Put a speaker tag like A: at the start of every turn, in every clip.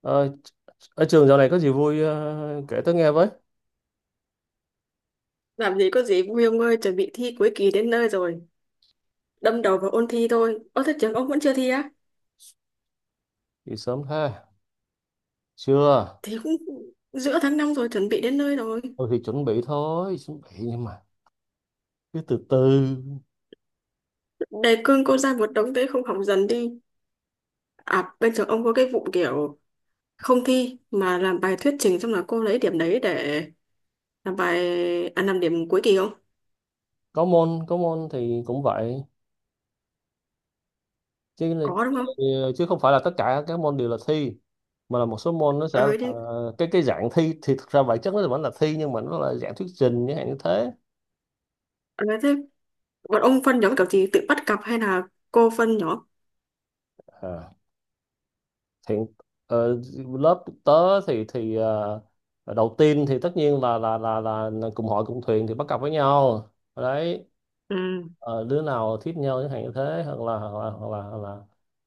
A: Ờ, ở trường dạo này có gì vui, kể tớ nghe với.
B: Làm gì có gì vui ông ơi, chuẩn bị thi cuối kỳ đến nơi rồi. Đâm đầu vào ôn thi thôi. Ơ thế trường ông vẫn chưa thi á?
A: Thì sớm ha. Chưa.
B: Thì cũng giữa tháng 5 rồi, chuẩn bị đến nơi rồi.
A: Tôi thì chuẩn bị thôi, chuẩn bị nhưng mà cứ từ từ.
B: Đề cương cô ra một đống thế không học dần đi. À, bên trường ông có cái vụ kiểu không thi mà làm bài thuyết trình xong là cô lấy điểm đấy để làm bài làm điểm cuối kỳ không?
A: Có môn thì cũng vậy. Chứ là-
B: Có đúng không?
A: Chứ không phải là tất cả các môn đều là thi, mà là một số môn nó sẽ là
B: Ờ thế,
A: cái dạng thi. Thì thực ra bản chất nó vẫn là thi nhưng mà nó là dạng thuyết trình như hạn như thế.
B: ờ, thế bọn ông phân nhóm kiểu gì tự bắt cặp hay là cô phân nhóm?
A: À, thì ờ, lớp tớ thì đầu tiên thì tất nhiên là cùng hội cùng thuyền thì bắt cặp với nhau đấy.
B: Ừ,
A: Ờ, Đứa nào thích nhau chẳng hạn như thế, hoặc là hoặc là hoặc là, hoặc là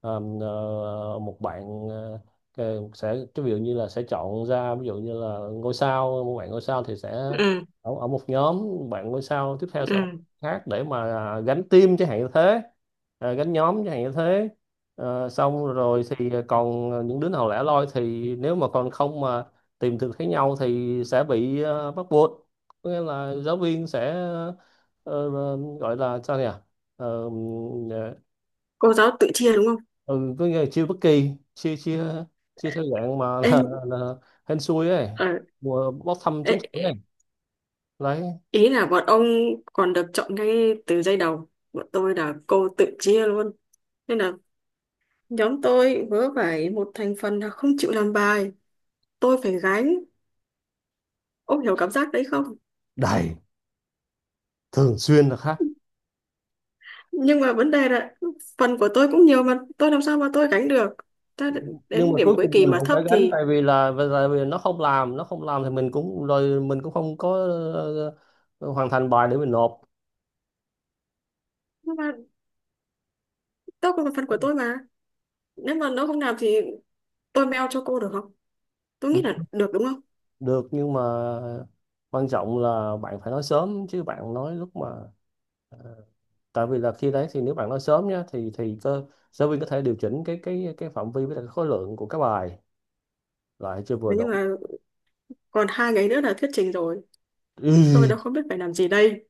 A: ờm, ờ, một bạn, sẽ cái ví dụ như là sẽ chọn ra, ví dụ như là ngôi sao, một bạn ngôi sao thì sẽ
B: ừ,
A: ở, một nhóm, bạn ngôi sao tiếp theo sẽ ở một
B: ừ.
A: khác để mà gánh team chẳng hạn như thế, à, gánh nhóm chẳng hạn như thế. Ờ, xong rồi thì còn những đứa nào lẻ loi, thì nếu mà còn không mà tìm được thấy nhau thì sẽ bị, bắt buộc, có nghĩa là giáo viên sẽ gọi là sao nhỉ, ờ,
B: Cô giáo tự chia đúng không?
A: ừ, có nghĩa là chiêu bất kỳ, chia chia chia theo dạng mà
B: Ê,
A: là hên xui ấy,
B: ờ,
A: mùa bốc thăm trúng thưởng
B: ê,
A: ấy. Đấy.
B: Ý là bọn ông còn được chọn ngay từ giây đầu. Bọn tôi là cô tự chia luôn. Nên là nhóm tôi vớ phải một thành phần là không chịu làm bài. Tôi phải gánh. Ông hiểu cảm giác đấy không?
A: Đầy, thường xuyên là khác.
B: Nhưng mà vấn đề là phần của tôi cũng nhiều mà tôi làm sao mà tôi gánh được. Ta
A: Nhưng
B: đến
A: mà
B: điểm
A: cuối
B: cuối
A: cùng
B: kỳ
A: mình
B: mà
A: cũng
B: thấp
A: phải gánh,
B: thì...
A: tại vì là tại vì nó không làm, nó không làm thì mình cũng rồi mình cũng không có ờ, hoàn thành bài để mình nộp.
B: Nhưng mà tôi còn phần của tôi mà. Nếu mà nó không làm thì tôi mail cho cô được không? Tôi nghĩ
A: Được,
B: là được đúng không?
A: được nhưng mà quan trọng là bạn phải nói sớm chứ bạn nói lúc mà, tại vì là khi đấy thì nếu bạn nói sớm nhá thì cơ giáo viên có thể điều chỉnh cái phạm vi với lại cái khối lượng của các bài lại chưa vừa
B: Nhưng
A: đủ.
B: mà còn hai ngày nữa là thuyết trình rồi. Tôi
A: Ừ.
B: đã không biết phải làm gì đây.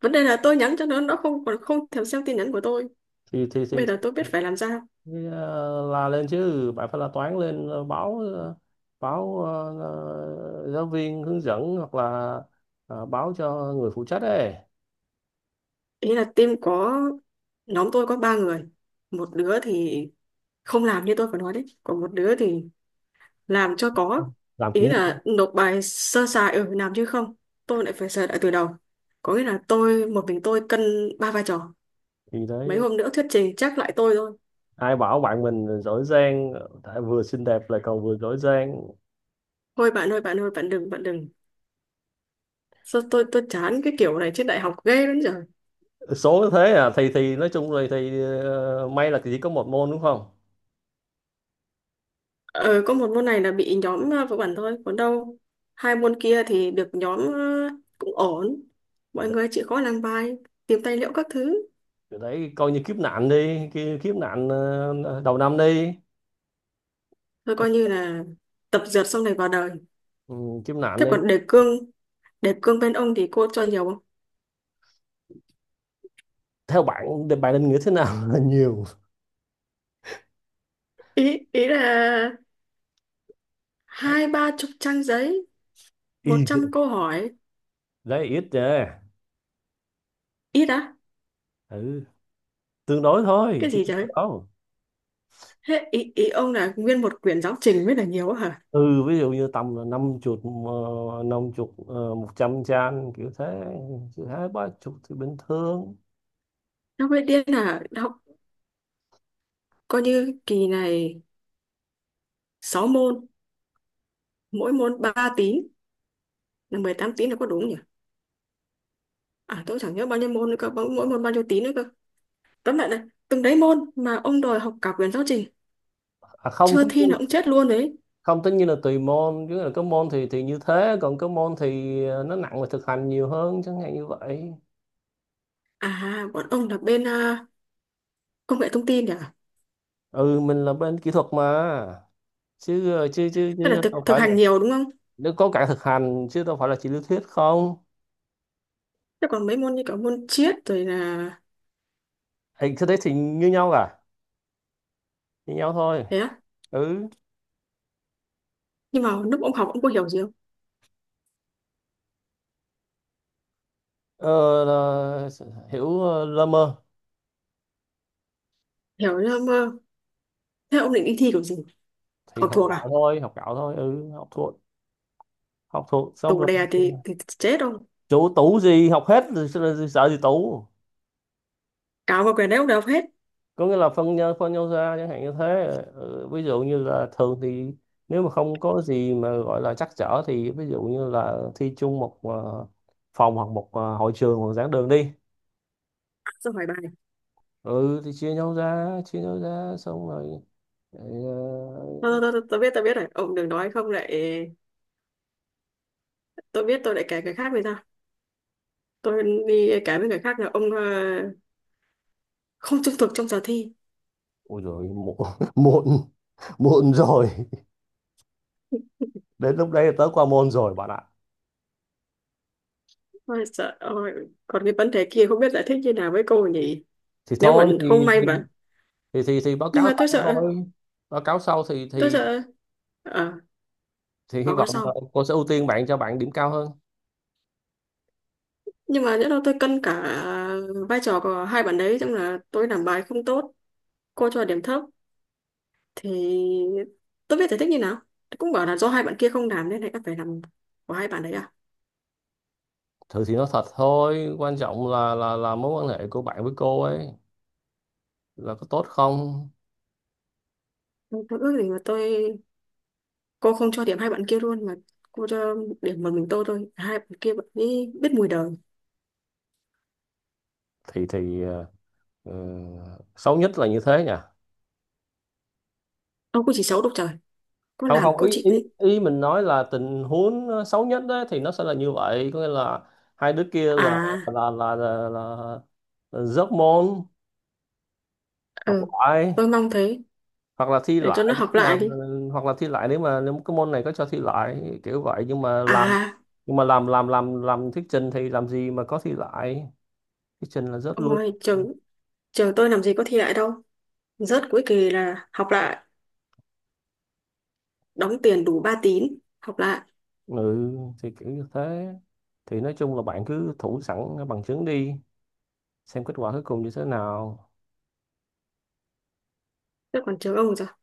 B: Vấn đề là tôi nhắn cho nó không còn không thèm xem tin nhắn của tôi.
A: thì thì thì
B: Bây giờ tôi biết phải làm sao?
A: La lên chứ, bạn phải la toán lên, báo, báo ờ, giáo viên hướng dẫn, hoặc là báo cho người phụ trách ấy.
B: Ý là team có nhóm tôi có ba người, một đứa thì không làm như tôi vừa nói đấy, còn một đứa thì làm cho có.
A: Làm cũng
B: Ý
A: như không.
B: là nộp bài sơ sài ở làm chứ không tôi lại phải sửa lại từ đầu. Có nghĩa là tôi một mình tôi cân ba vai trò.
A: Thì đấy,
B: Mấy hôm nữa thuyết trình chắc lại tôi thôi.
A: ai bảo bạn mình giỏi giang, tại vừa xinh đẹp lại còn vừa giỏi giang.
B: Thôi bạn ơi, bạn ơi, bạn đừng, bạn đừng. Sao tôi chán cái kiểu này trên đại học ghê lắm giờ.
A: Số thế à, thì nói chung là thì may là chỉ có một môn đúng không.
B: Ờ, có một môn này là bị nhóm của bản thôi, còn đâu hai môn kia thì được nhóm, cũng ổn. Mọi người chịu khó làm bài, tìm tài liệu các thứ,
A: Cái đấy coi như kiếp nạn đi, cái kiếp nạn đầu năm đi.
B: rồi coi như là tập dượt xong này vào đời.
A: Ừ, kiếp nạn
B: Thế
A: đi.
B: còn đề cương bên ông thì cô cho nhiều không?
A: Theo bạn thì bạn định nghĩa thế nào là nhiều?
B: Ý ý là hai ba chục trang giấy, một
A: Y
B: trăm câu hỏi,
A: đấy, ít nha.
B: ít á?
A: Ừ, tương đối thôi
B: Cái
A: chứ
B: gì
A: không
B: trời?
A: phải đâu.
B: Thế ý ý ông là nguyên một quyển giáo trình mới là nhiều á hả?
A: Ừ, ví dụ như tầm năm chục, năm chục, một trăm trang kiểu thế, chứ hai ba chục thì bình thường.
B: Nó mới điên là học, coi như kỳ này 6 môn, mỗi môn 3 tín là 18 tín là có đúng nhỉ. À tôi chẳng nhớ bao nhiêu môn nữa cơ, mỗi mỗi môn bao nhiêu tín nữa cơ. Tóm lại là từng đấy môn mà ông đòi học cả quyển giáo trình,
A: à, không tất
B: chưa thi là
A: nhiên-
B: ông chết luôn đấy.
A: Không tất nhiên là tùy môn, chứ là có môn thì như thế, còn có môn thì nó nặng về thực hành nhiều hơn chẳng hạn như vậy.
B: À bọn ông là bên à, công nghệ thông tin nhỉ.
A: Ừ, mình là bên kỹ thuật mà, chứ ờ, chứ chứ
B: Tức là
A: chứ
B: thực
A: đâu
B: thực
A: phải là,
B: hành nhiều đúng không?
A: nếu có cả thực hành chứ đâu phải là chỉ lý thuyết không.
B: Thế còn mấy môn như cả môn triết rồi là.
A: Thì cái đấy thì như nhau cả, như nhau thôi.
B: Thế á?
A: Ừ.
B: Nhưng mà lúc ông học ông có hiểu gì không?
A: ờ, là hiểu, lơ mơ.
B: Hiểu nhưng mà thế ông định đi thi kiểu gì,
A: Thì
B: học
A: học
B: thuộc
A: gạo
B: à?
A: thôi, học gạo thôi, ừ, học thuộc, học thuộc xong
B: Tủ
A: rồi.
B: đè thì chết ông.
A: Chủ tủ gì, học hết rồi sao lại sợ gì tủ.
B: Cáo vào quyển đấy ông đều học hết,
A: Có nghĩa là phân nhau ra chẳng hạn như thế. Ừ, ví dụ như là thường thì nếu mà không có gì mà gọi là trắc trở, thì ví dụ như là thi chung một, phòng, hoặc một hội trường, hoặc giảng đường đi.
B: xong hỏi bài.
A: Ừ thì chia nhau ra xong rồi. đấy,
B: tôi,
A: uh...
B: tôi, tôi, tôi biết tôi biết rồi ông đừng nói không lại tôi biết tôi lại kể cái khác người ta. Tôi đi cái với người khác là ông, không trung thực trong giờ thi.
A: Ôi rồi muộn, muộn, muộn rồi. Đến lúc đấy là tớ qua môn rồi bạn ạ.
B: Ôi trời ơi, còn cái vấn đề kia không biết giải thích như nào với cô nhỉ.
A: Thì
B: Nếu mà
A: thôi
B: không may mà...
A: Thì báo
B: nhưng
A: cáo
B: mà tôi
A: sau
B: sợ,
A: thôi. Báo cáo sau thì
B: tôi sợ ờ
A: thì hy
B: báo cáo
A: vọng là
B: sau.
A: cô sẽ ưu tiên bạn, cho bạn điểm cao hơn.
B: Nhưng mà nhỡ đâu tôi cân cả vai trò của hai bạn đấy trong là tôi làm bài không tốt, cô cho điểm thấp thì tôi biết giải thích như nào? Tôi cũng bảo là do hai bạn kia không làm nên là các phải làm của hai bạn đấy à?
A: Thử thì nói thật thôi, quan trọng là mối quan hệ của bạn với cô ấy là có tốt không.
B: Tôi ước gì mà tôi, cô không cho điểm hai bạn kia luôn mà cô cho điểm một mình tôi thôi, hai bạn kia bạn ấy biết mùi đời.
A: thì thì ờ, ờ, Xấu nhất là như thế nhỉ.
B: Ông cũng chỉ xấu độc trời, có
A: Không
B: làm
A: không,
B: có
A: ý
B: chịu
A: ý
B: đi.
A: ý mình nói là tình huống xấu nhất đấy thì nó sẽ là như vậy, có nghĩa là hai đứa kia là
B: À,
A: là là là, là, là rớt môn, học
B: ừ,
A: lại.
B: tôi mong thế,
A: hoặc là thi
B: để cho
A: lại
B: nó học
A: nếu mà
B: lại đi.
A: Hoặc là thi lại, nếu mà nếu cái môn này có cho thi lại kiểu vậy. Nhưng mà làm,
B: À
A: thuyết trình thì làm gì mà có thi lại, thuyết trình là rớt
B: ông
A: luôn.
B: ơi, trường trường tôi làm gì có thi lại đâu, rớt cuối kỳ là học lại, đóng tiền đủ ba tín học lại.
A: Ừ thì kiểu như thế. Thì nói chung là bạn cứ thủ sẵn bằng chứng đi, xem kết quả cuối cùng như thế nào.
B: Thế còn trường ông thì sao,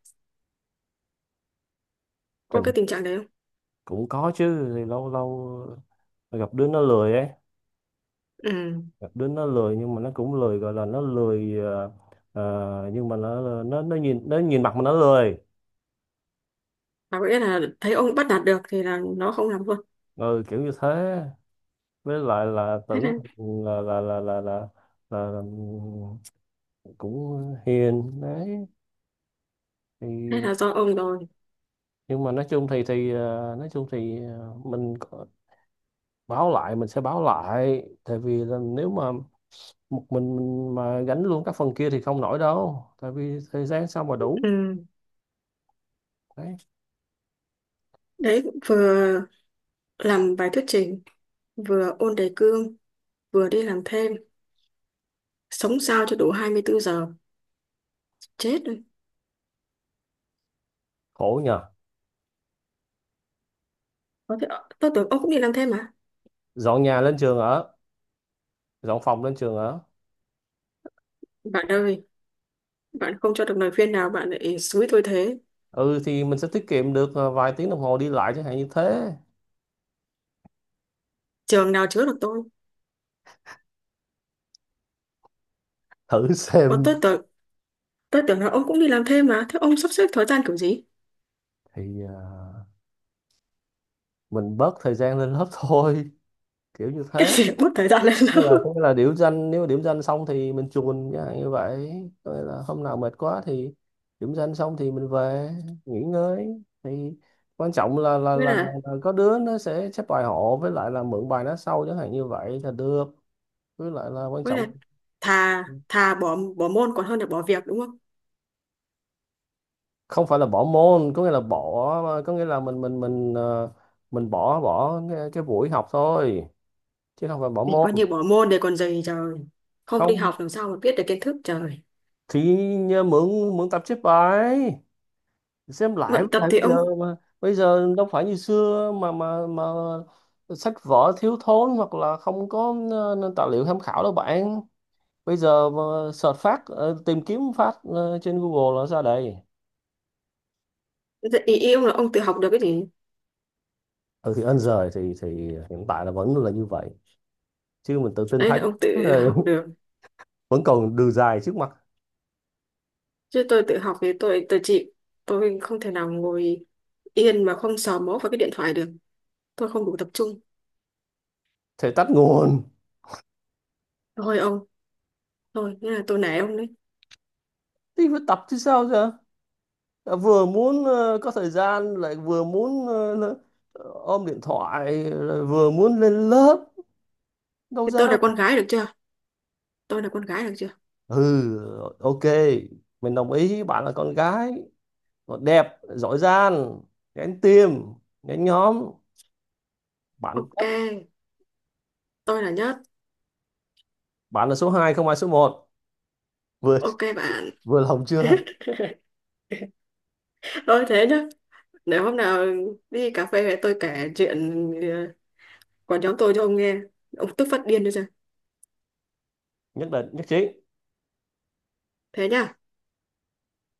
B: có
A: tình
B: cái tình trạng đấy không?
A: Cũng có chứ, thì lâu lâu gặp đứa nó lười ấy,
B: Ừ,
A: gặp đứa nó lười. Nhưng mà nó cũng lười, gọi là nó lười, nhưng mà nó nhìn mặt mà nó lười.
B: và có nghĩa là thấy ông bắt nạt được thì là nó không làm luôn.
A: Ừ, kiểu như thế. Với lại là
B: Thế
A: tưởng
B: nên,
A: là là là là là, là cũng hiền đấy.
B: thế
A: Thì
B: là do ông rồi.
A: nhưng mà nói chung thì nói chung thì báo lại, mình sẽ báo lại, tại vì là nếu mà một mình mà gánh luôn các phần kia thì không nổi đâu, tại vì thời gian sao mà đủ.
B: Ừ,
A: Đấy.
B: đấy vừa làm bài thuyết trình, vừa ôn đề cương, vừa đi làm thêm, sống sao cho đủ 24 giờ, chết rồi.
A: Khổ nhờ.
B: Có thể tôi tưởng ông cũng đi làm thêm mà.
A: Dọn nhà lên trường ở, dọn phòng lên trường ở.
B: Bạn ơi, bạn không cho được lời khuyên nào bạn lại xúi tôi thế.
A: Ừ thì mình sẽ tiết kiệm được vài tiếng đồng hồ đi lại chẳng hạn như thế.
B: Trường nào chứa được tôi?
A: Thử
B: Ủa,
A: xem.
B: tôi tưởng, là ông cũng đi làm thêm mà, thế ông sắp xếp thời gian kiểu gì?
A: thì ờ, mình bớt thời gian lên lớp thôi, kiểu như
B: Cái
A: thế.
B: gì mất thời gian lên lớp?
A: Nghĩa là, có nghĩa là điểm danh, nếu mà điểm danh xong thì mình chuồn chẳng hạn như vậy. Có nghĩa là hôm nào mệt quá thì điểm danh xong thì mình về nghỉ ngơi. Thì quan trọng là
B: với là
A: có đứa nó sẽ chép bài hộ, với lại là mượn bài nó sau chẳng hạn như vậy là được. Với lại là quan
B: với là
A: trọng,
B: thà thà bỏ bỏ môn còn hơn là bỏ việc đúng không?
A: không phải là bỏ môn, có nghĩa là bỏ, có nghĩa là mình, mình bỏ bỏ cái buổi học thôi, chứ không phải bỏ
B: Thì
A: môn.
B: coi như bỏ môn để còn gì trời, không đi
A: Không
B: học làm sao mà biết được kiến thức trời,
A: thì nhờ, mượn mượn tập chép bài xem lại. Với
B: luyện tập
A: lại
B: thì
A: bây giờ
B: ông.
A: mà, bây giờ đâu phải như xưa mà sách vở thiếu thốn, hoặc là không có nền tài liệu tham khảo đâu bạn. Bây giờ mà search phát, tìm kiếm phát trên Google là ra đây.
B: Ý, ý ông là ông tự học được cái gì?
A: Ừ thì ơn giời thì hiện tại là vẫn là như vậy, chứ mình tự tin
B: Đấy
A: thấy.
B: là ông tự học được,
A: Vẫn còn đường dài trước mặt.
B: chứ tôi tự học thì tôi chịu. Tôi không thể nào ngồi yên mà không sờ mó vào cái điện thoại được, tôi không đủ tập trung.
A: Thể tắt nguồn.
B: Thôi ông, thôi thế là tôi nể ông đấy.
A: Thì phải tập chứ sao giờ, vừa muốn có thời gian, lại vừa muốn ôm điện thoại, lại vừa muốn lên lớp, đâu
B: Thì
A: ra.
B: tôi là con gái được chưa, tôi là con gái được chưa?
A: Ừ, ok, mình đồng ý bạn là con gái, còn đẹp, giỏi giang, gánh tim, gánh nhóm, bạn
B: OK,
A: tất.
B: tôi là nhất.
A: Bạn là số hai, không ai số một, vừa,
B: OK bạn.
A: vừa lòng chưa.
B: Thôi thế nhá, để hôm nào đi cà phê về tôi kể chuyện, ờ, của nhóm tôi cho ông nghe, ông tức phát điên đi ra.
A: Nhất định, nhất trí.
B: Thế nhá.